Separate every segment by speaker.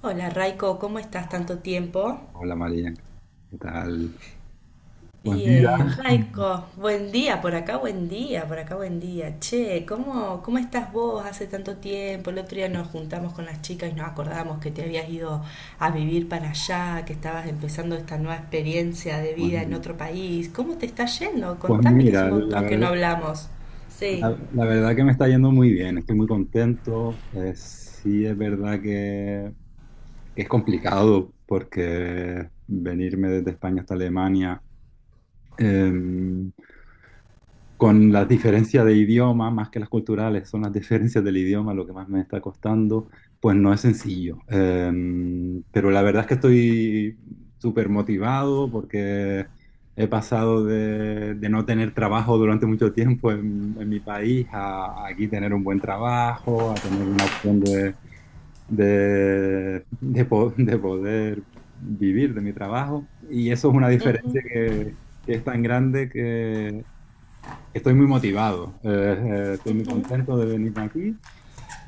Speaker 1: Hola Raiko, ¿cómo estás? Tanto tiempo.
Speaker 2: Hola María, ¿qué tal? Pues mira,
Speaker 1: Bien, Raiko, buen día por acá, buen día, por acá, buen día. Che, ¿cómo estás vos? Hace tanto tiempo. El otro día nos juntamos con las chicas y nos acordamos que te habías ido a vivir para allá, que estabas empezando esta nueva experiencia de
Speaker 2: pues,
Speaker 1: vida en otro país. ¿Cómo te está yendo?
Speaker 2: pues
Speaker 1: Contame, que hace
Speaker 2: mira,
Speaker 1: un
Speaker 2: la
Speaker 1: montón que no
Speaker 2: verdad,
Speaker 1: hablamos. Sí.
Speaker 2: la verdad que me está yendo muy bien, estoy muy contento. Sí es verdad que es complicado porque venirme desde España hasta Alemania, eh, con las diferencias de idioma, más que las culturales, son las diferencias del idioma lo que más me está costando, pues no es sencillo. Pero la verdad es que estoy súper motivado porque he pasado de no tener trabajo durante mucho tiempo en mi país a aquí tener un buen trabajo, a tener una opción de poder vivir de mi trabajo. Y eso es una diferencia que es tan grande. Estoy muy motivado, estoy muy contento de venir aquí,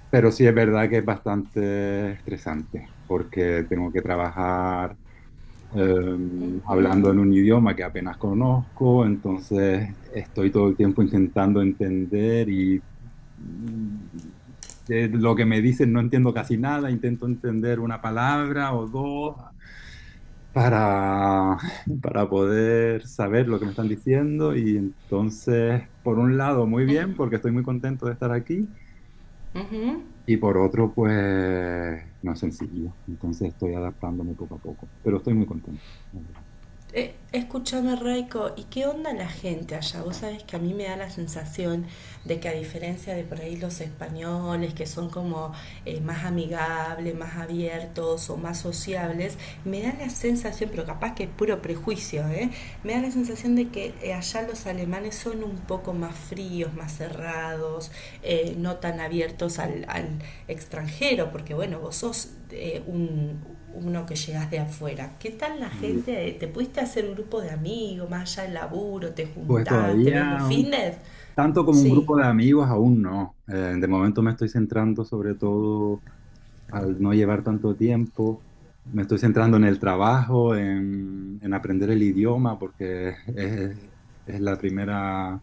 Speaker 2: pero sí es verdad que es bastante estresante porque tengo que trabajar hablando en un idioma que apenas conozco. Entonces estoy todo el tiempo intentando entender y mm, de lo que me dicen no entiendo casi nada, intento entender una palabra o dos, para, para poder saber lo que me están diciendo. Y entonces, por un lado, muy bien, porque estoy muy contento de estar aquí
Speaker 1: ¿Mm?
Speaker 2: y por otro, pues no es sencillo. Entonces estoy adaptándome poco a poco, pero estoy muy contento, la verdad.
Speaker 1: Escúchame, Raiko, ¿y qué onda la gente allá? Vos sabés que a mí me da la sensación de que, a diferencia de por ahí los españoles, que son como más amigables, más abiertos o más sociables, me da la sensación, pero capaz que es puro prejuicio, ¿eh? Me da la sensación de que allá los alemanes son un poco más fríos, más cerrados, no tan abiertos al extranjero, porque bueno, vos sos un uno que llegas de afuera. ¿Qué tal la gente? ¿Te pudiste hacer un grupo de amigos? Más allá del laburo, ¿te
Speaker 2: Pues
Speaker 1: juntás, te ves los
Speaker 2: todavía,
Speaker 1: fines?
Speaker 2: tanto como un
Speaker 1: Sí.
Speaker 2: grupo de amigos, aún no. De momento me estoy centrando sobre todo, al no llevar tanto tiempo. Me estoy centrando en el trabajo, en aprender el idioma, porque es la primera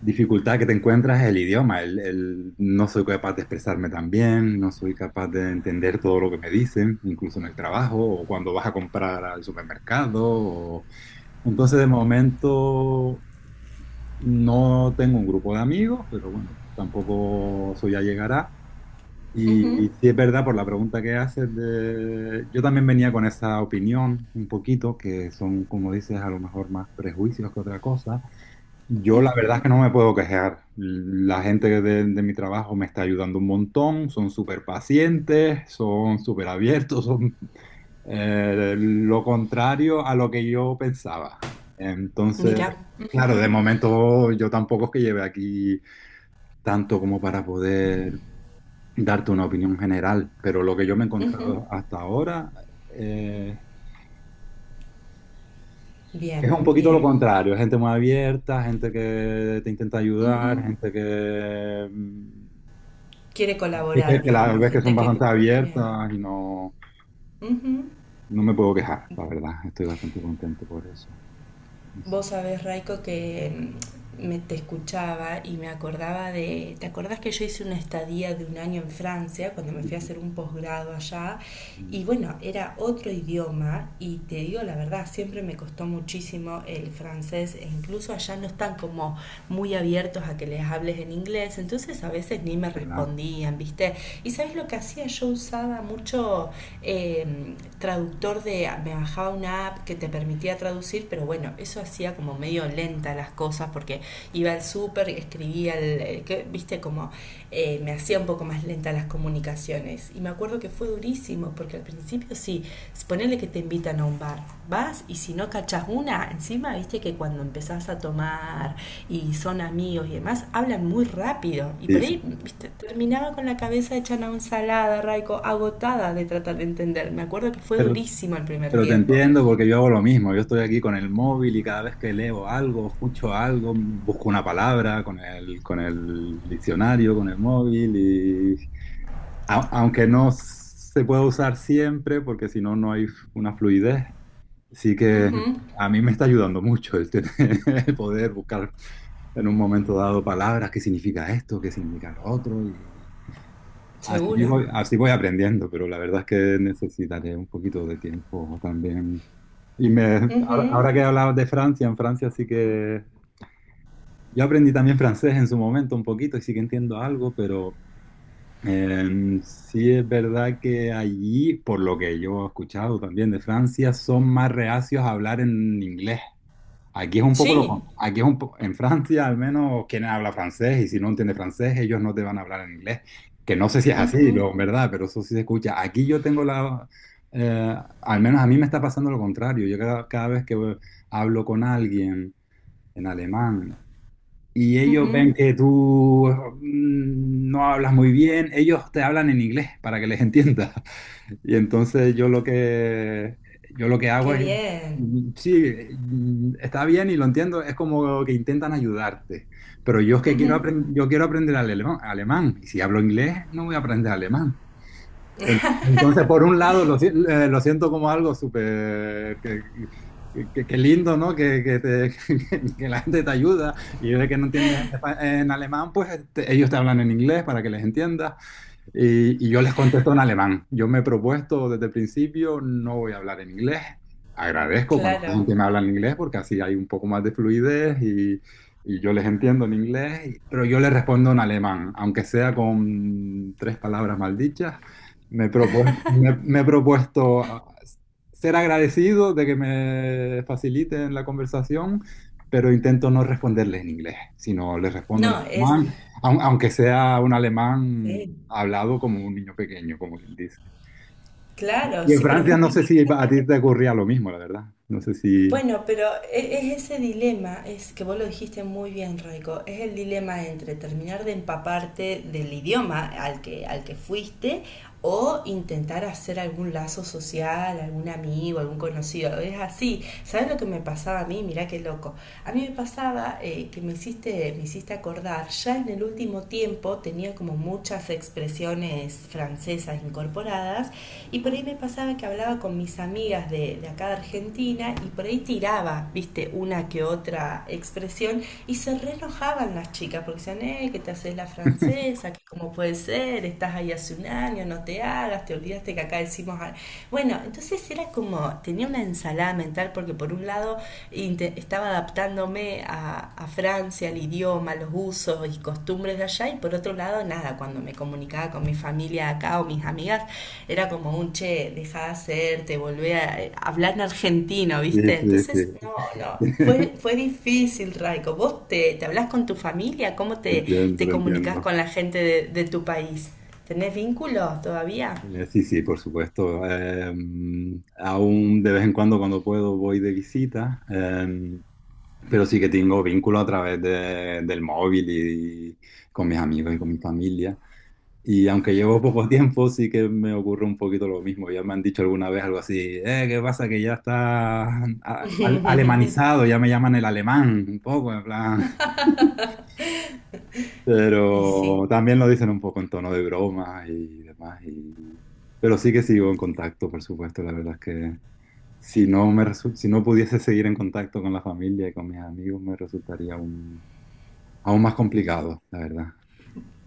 Speaker 2: dificultad que te encuentras, es el idioma. No soy capaz de expresarme tan bien, no soy capaz de entender todo lo que me dicen, incluso en el trabajo o cuando vas a comprar al supermercado. Entonces, de momento, no tengo un grupo de amigos, pero bueno, tampoco, eso ya llegará. Y,
Speaker 1: Ujú,
Speaker 2: y sí es verdad, por la pregunta que haces, de... yo también venía con esa opinión un poquito, que son, como dices, a lo mejor más prejuicios que otra cosa. Yo la
Speaker 1: ujú.
Speaker 2: verdad es que no me puedo quejar. La gente de mi trabajo me está ayudando un montón, son súper pacientes, son súper abiertos, lo contrario a lo que yo pensaba. Entonces,
Speaker 1: Mira.
Speaker 2: claro, de momento yo tampoco es que lleve aquí tanto como para poder darte una opinión general, pero lo que yo me he
Speaker 1: Ujú.
Speaker 2: encontrado hasta ahora, eh, es
Speaker 1: Bien,
Speaker 2: un poquito lo
Speaker 1: bien.
Speaker 2: contrario, gente muy abierta, gente que te intenta ayudar,
Speaker 1: Ujú. Quiere colaborar,
Speaker 2: que la
Speaker 1: digamos.
Speaker 2: ves que son
Speaker 1: Gente que...
Speaker 2: bastante
Speaker 1: Bien.
Speaker 2: abiertas y no,
Speaker 1: Ujú.
Speaker 2: no me puedo quejar, la verdad, estoy bastante contento por eso. Sí, sí,
Speaker 1: Vos sabés, Raiko, que mm, me te escuchaba y me acordaba de... ¿Te acordás que yo hice una estadía de 1 año en Francia cuando me fui a
Speaker 2: sí,
Speaker 1: hacer un posgrado allá?
Speaker 2: sí,
Speaker 1: Y bueno, era otro idioma y te digo la verdad, siempre me costó muchísimo el francés e incluso allá no están como muy abiertos a que les hables en inglés, entonces a veces ni me
Speaker 2: ¿verdad?
Speaker 1: respondían, ¿viste? Y ¿sabes lo que hacía? Yo usaba mucho traductor, de, me bajaba una app que te permitía traducir, pero bueno, eso hacía como medio lenta las cosas porque iba al súper, escribía, el, que, viste, como me hacía un poco más lenta las comunicaciones. Y me acuerdo que fue durísimo, porque al principio sí, ponele que te invitan a un bar, vas y si no cachas una, encima viste que cuando empezás a tomar y son amigos y demás, hablan muy rápido. Y por
Speaker 2: Sí, sí.
Speaker 1: ahí, viste, terminaba con la cabeza hecha una ensalada, Raico, agotada de tratar de entender. Me acuerdo que fue
Speaker 2: Pero,
Speaker 1: durísimo el primer
Speaker 2: pero te
Speaker 1: tiempo.
Speaker 2: entiendo porque yo hago lo mismo. Yo estoy aquí con el móvil y cada vez que leo algo, escucho algo, busco una palabra con el diccionario, con el móvil y aunque no se pueda usar siempre porque si no, no hay una fluidez. Sí que a mí me está ayudando mucho el poder buscar en un momento dado palabras, qué significa esto, qué significa lo otro y
Speaker 1: Seguro.
Speaker 2: así voy aprendiendo, pero la verdad es que necesitaré un poquito de tiempo también.
Speaker 1: Ujú.
Speaker 2: Ahora que hablabas de Francia, en Francia sí que... Yo aprendí también francés en su momento un poquito y sí que entiendo algo, pero sí es verdad que allí, por lo que yo he escuchado también de Francia, son más reacios a hablar en inglés. Aquí es un poco lo,
Speaker 1: Sí.
Speaker 2: con- aquí es un po- En Francia al menos quien habla francés, y si no entiende francés, ellos no te van a hablar en inglés, que no sé si es así
Speaker 1: Ujú.
Speaker 2: lo, en verdad, pero eso sí se escucha. Aquí yo tengo eh, al menos a mí me está pasando lo contrario. Yo cada vez que hablo con alguien en alemán y ellos
Speaker 1: Ujú.
Speaker 2: ven que tú no hablas muy bien, ellos te hablan en inglés para que les entiendas. Y entonces yo lo que hago
Speaker 1: Qué
Speaker 2: es,
Speaker 1: bien.
Speaker 2: mm, sí, está bien y lo entiendo, es como que intentan ayudarte, pero yo es que quiero
Speaker 1: Ujú.
Speaker 2: aprender, yo quiero aprender alemán, y si hablo inglés no voy a aprender alemán. Entonces, por un lado, lo, si- lo siento como algo súper que lindo, ¿no? Que que la gente te ayuda, y de que no entiendes en, en alemán, pues ellos te hablan en inglés para que les entiendas. Y yo les contesto en alemán. Yo me he propuesto desde el principio, no voy a hablar en inglés. Agradezco cuando la
Speaker 1: Claro.
Speaker 2: gente me habla en inglés porque así hay un poco más de fluidez, y yo les entiendo en inglés, pero yo les respondo en alemán, aunque sea con tres palabras maldichas. Me he propuesto, ser agradecido de que me faciliten la conversación, pero intento no responderles en inglés, sino les respondo en
Speaker 1: No, es...
Speaker 2: alemán. Aunque sea un alemán
Speaker 1: Sí,
Speaker 2: hablado como un niño pequeño, como quien dice.
Speaker 1: claro,
Speaker 2: Y en
Speaker 1: sí, pero es
Speaker 2: Francia
Speaker 1: un...
Speaker 2: no sé si a ti te ocurría lo mismo, la verdad. No sé si...
Speaker 1: Bueno, pero e- es ese dilema. Es que vos lo dijiste muy bien, Raico, es el dilema entre terminar de empaparte del idioma al que fuiste o intentar hacer algún lazo social, algún amigo, algún conocido. Es así. ¿Sabes lo que me pasaba a mí? Mirá qué loco. A mí me pasaba que me hiciste acordar, ya en el último tiempo tenía como muchas expresiones francesas incorporadas. Y por ahí me pasaba que hablaba con mis amigas de acá, de Argentina, y por ahí tiraba, viste, una que otra expresión y se re enojaban las chicas porque decían, que te haces la francesa, que cómo puede ser, estás ahí hace 1 año, no te hagas, te olvidaste que acá decimos... a-". Bueno, entonces era como, tenía una ensalada mental porque por un lado estaba adaptándome a Francia, el idioma, los usos y costumbres de allá, y por otro lado nada, cuando me comunicaba con mi familia acá o mis amigas era como un che, dejá de hacerte, volvé a hablar en argentino,
Speaker 2: Sí,
Speaker 1: ¿viste?
Speaker 2: sí,
Speaker 1: Entonces, no,
Speaker 2: sí.
Speaker 1: no, fue, fue difícil, Raico. ¿Vos te, te hablás con tu familia? ¿Cómo
Speaker 2: Te
Speaker 1: te,
Speaker 2: entiendo,
Speaker 1: te
Speaker 2: te
Speaker 1: comunicas
Speaker 2: entiendo.
Speaker 1: con la gente de tu país? ¿Tenés vínculos todavía?
Speaker 2: Sí, sí, por supuesto. Aún de vez en cuando, cuando puedo, voy de visita, pero sí que tengo vínculo a través del móvil y con mis amigos y con mi familia. Y aunque llevo poco tiempo, sí que me ocurre un poquito lo mismo. Ya me han dicho alguna vez algo así, ¿qué pasa? Que ya está alemanizado, ya me llaman el alemán, un poco, en plan.
Speaker 1: Y sí.
Speaker 2: Pero también lo dicen un poco en tono de broma y demás. Pero sí que sigo en contacto, por supuesto. La verdad es que si no pudiese seguir en contacto con la familia y con mis amigos, me resultaría aún más complicado, la verdad.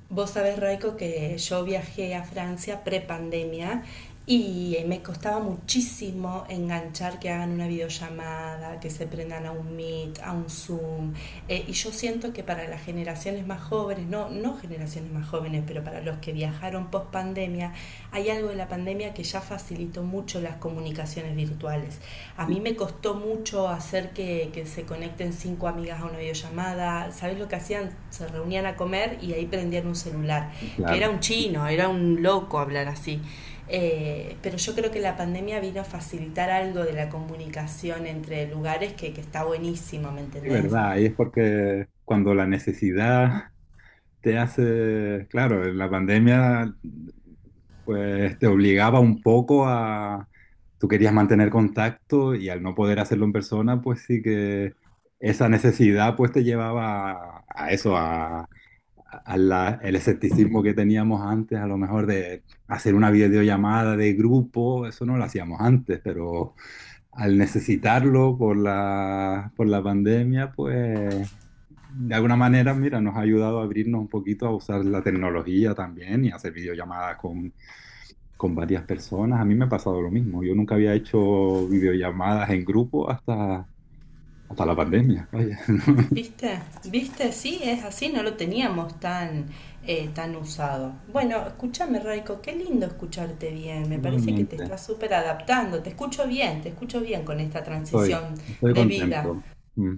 Speaker 1: Vos sabés, Raico, que yo viajé a Francia prepandemia y me costaba muchísimo enganchar que hagan una videollamada, que se prendan a un Meet, a un Zoom. Y yo siento que para las generaciones más jóvenes, no, no generaciones más jóvenes, pero para los que viajaron post pandemia, hay algo de la pandemia que ya facilitó mucho mucho las comunicaciones virtuales. A
Speaker 2: Sí,
Speaker 1: mí me costó mucho hacer que se conecten 5 amigas a una videollamada. ¿Sabes lo que hacían? Se reunían a comer y ahí prendían un celular, que era
Speaker 2: claro,
Speaker 1: un chino, era un loco hablar así. Pero yo creo que la pandemia vino a facilitar algo de la comunicación entre lugares que está buenísimo, ¿me
Speaker 2: es
Speaker 1: entendés?
Speaker 2: verdad, y es porque cuando la necesidad te hace, claro, la pandemia pues te obligaba un poco a, tú querías mantener contacto y al no poder hacerlo en persona, pues sí que esa necesidad pues te llevaba a eso, a el escepticismo que teníamos antes, a lo mejor, de hacer una videollamada de grupo, eso no lo hacíamos antes, pero al necesitarlo por la pandemia, pues de alguna manera, mira, nos ha ayudado a abrirnos un poquito a usar la tecnología también y a hacer videollamadas con varias personas. A mí me ha pasado lo mismo. Yo nunca había hecho videollamadas en grupo hasta la pandemia. Vaya, ¿no?
Speaker 1: ¿Viste? ¿Viste? Sí, es así, no lo teníamos tan, tan usado. Bueno, escúchame, Raiko, qué lindo escucharte bien. Me parece que te
Speaker 2: Igualmente,
Speaker 1: estás súper adaptando. Te escucho bien con esta
Speaker 2: estoy,
Speaker 1: transición
Speaker 2: estoy
Speaker 1: de vida.
Speaker 2: contento. Mm,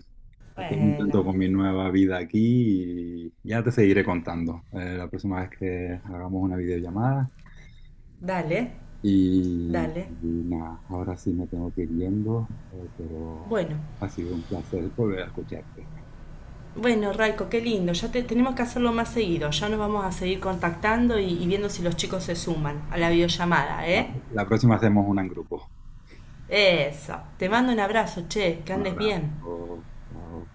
Speaker 2: Estoy
Speaker 1: Bueno,
Speaker 2: contento con mi nueva vida aquí y ya te seguiré contando, la próxima vez que hagamos una videollamada.
Speaker 1: dale,
Speaker 2: Y
Speaker 1: dale.
Speaker 2: nada, ahora sí me tengo que ir yendo, pero
Speaker 1: Bueno,
Speaker 2: ha sido un placer volver a escucharte.
Speaker 1: bueno, Raiko, qué lindo. Ya te... tenemos que hacerlo más seguido. Ya nos vamos a seguir contactando y viendo si los chicos se suman a la videollamada, ¿eh?
Speaker 2: La próxima hacemos una en grupo.
Speaker 1: Eso. Te mando un abrazo, che, que
Speaker 2: Un
Speaker 1: andes bien.
Speaker 2: abrazo. Chao.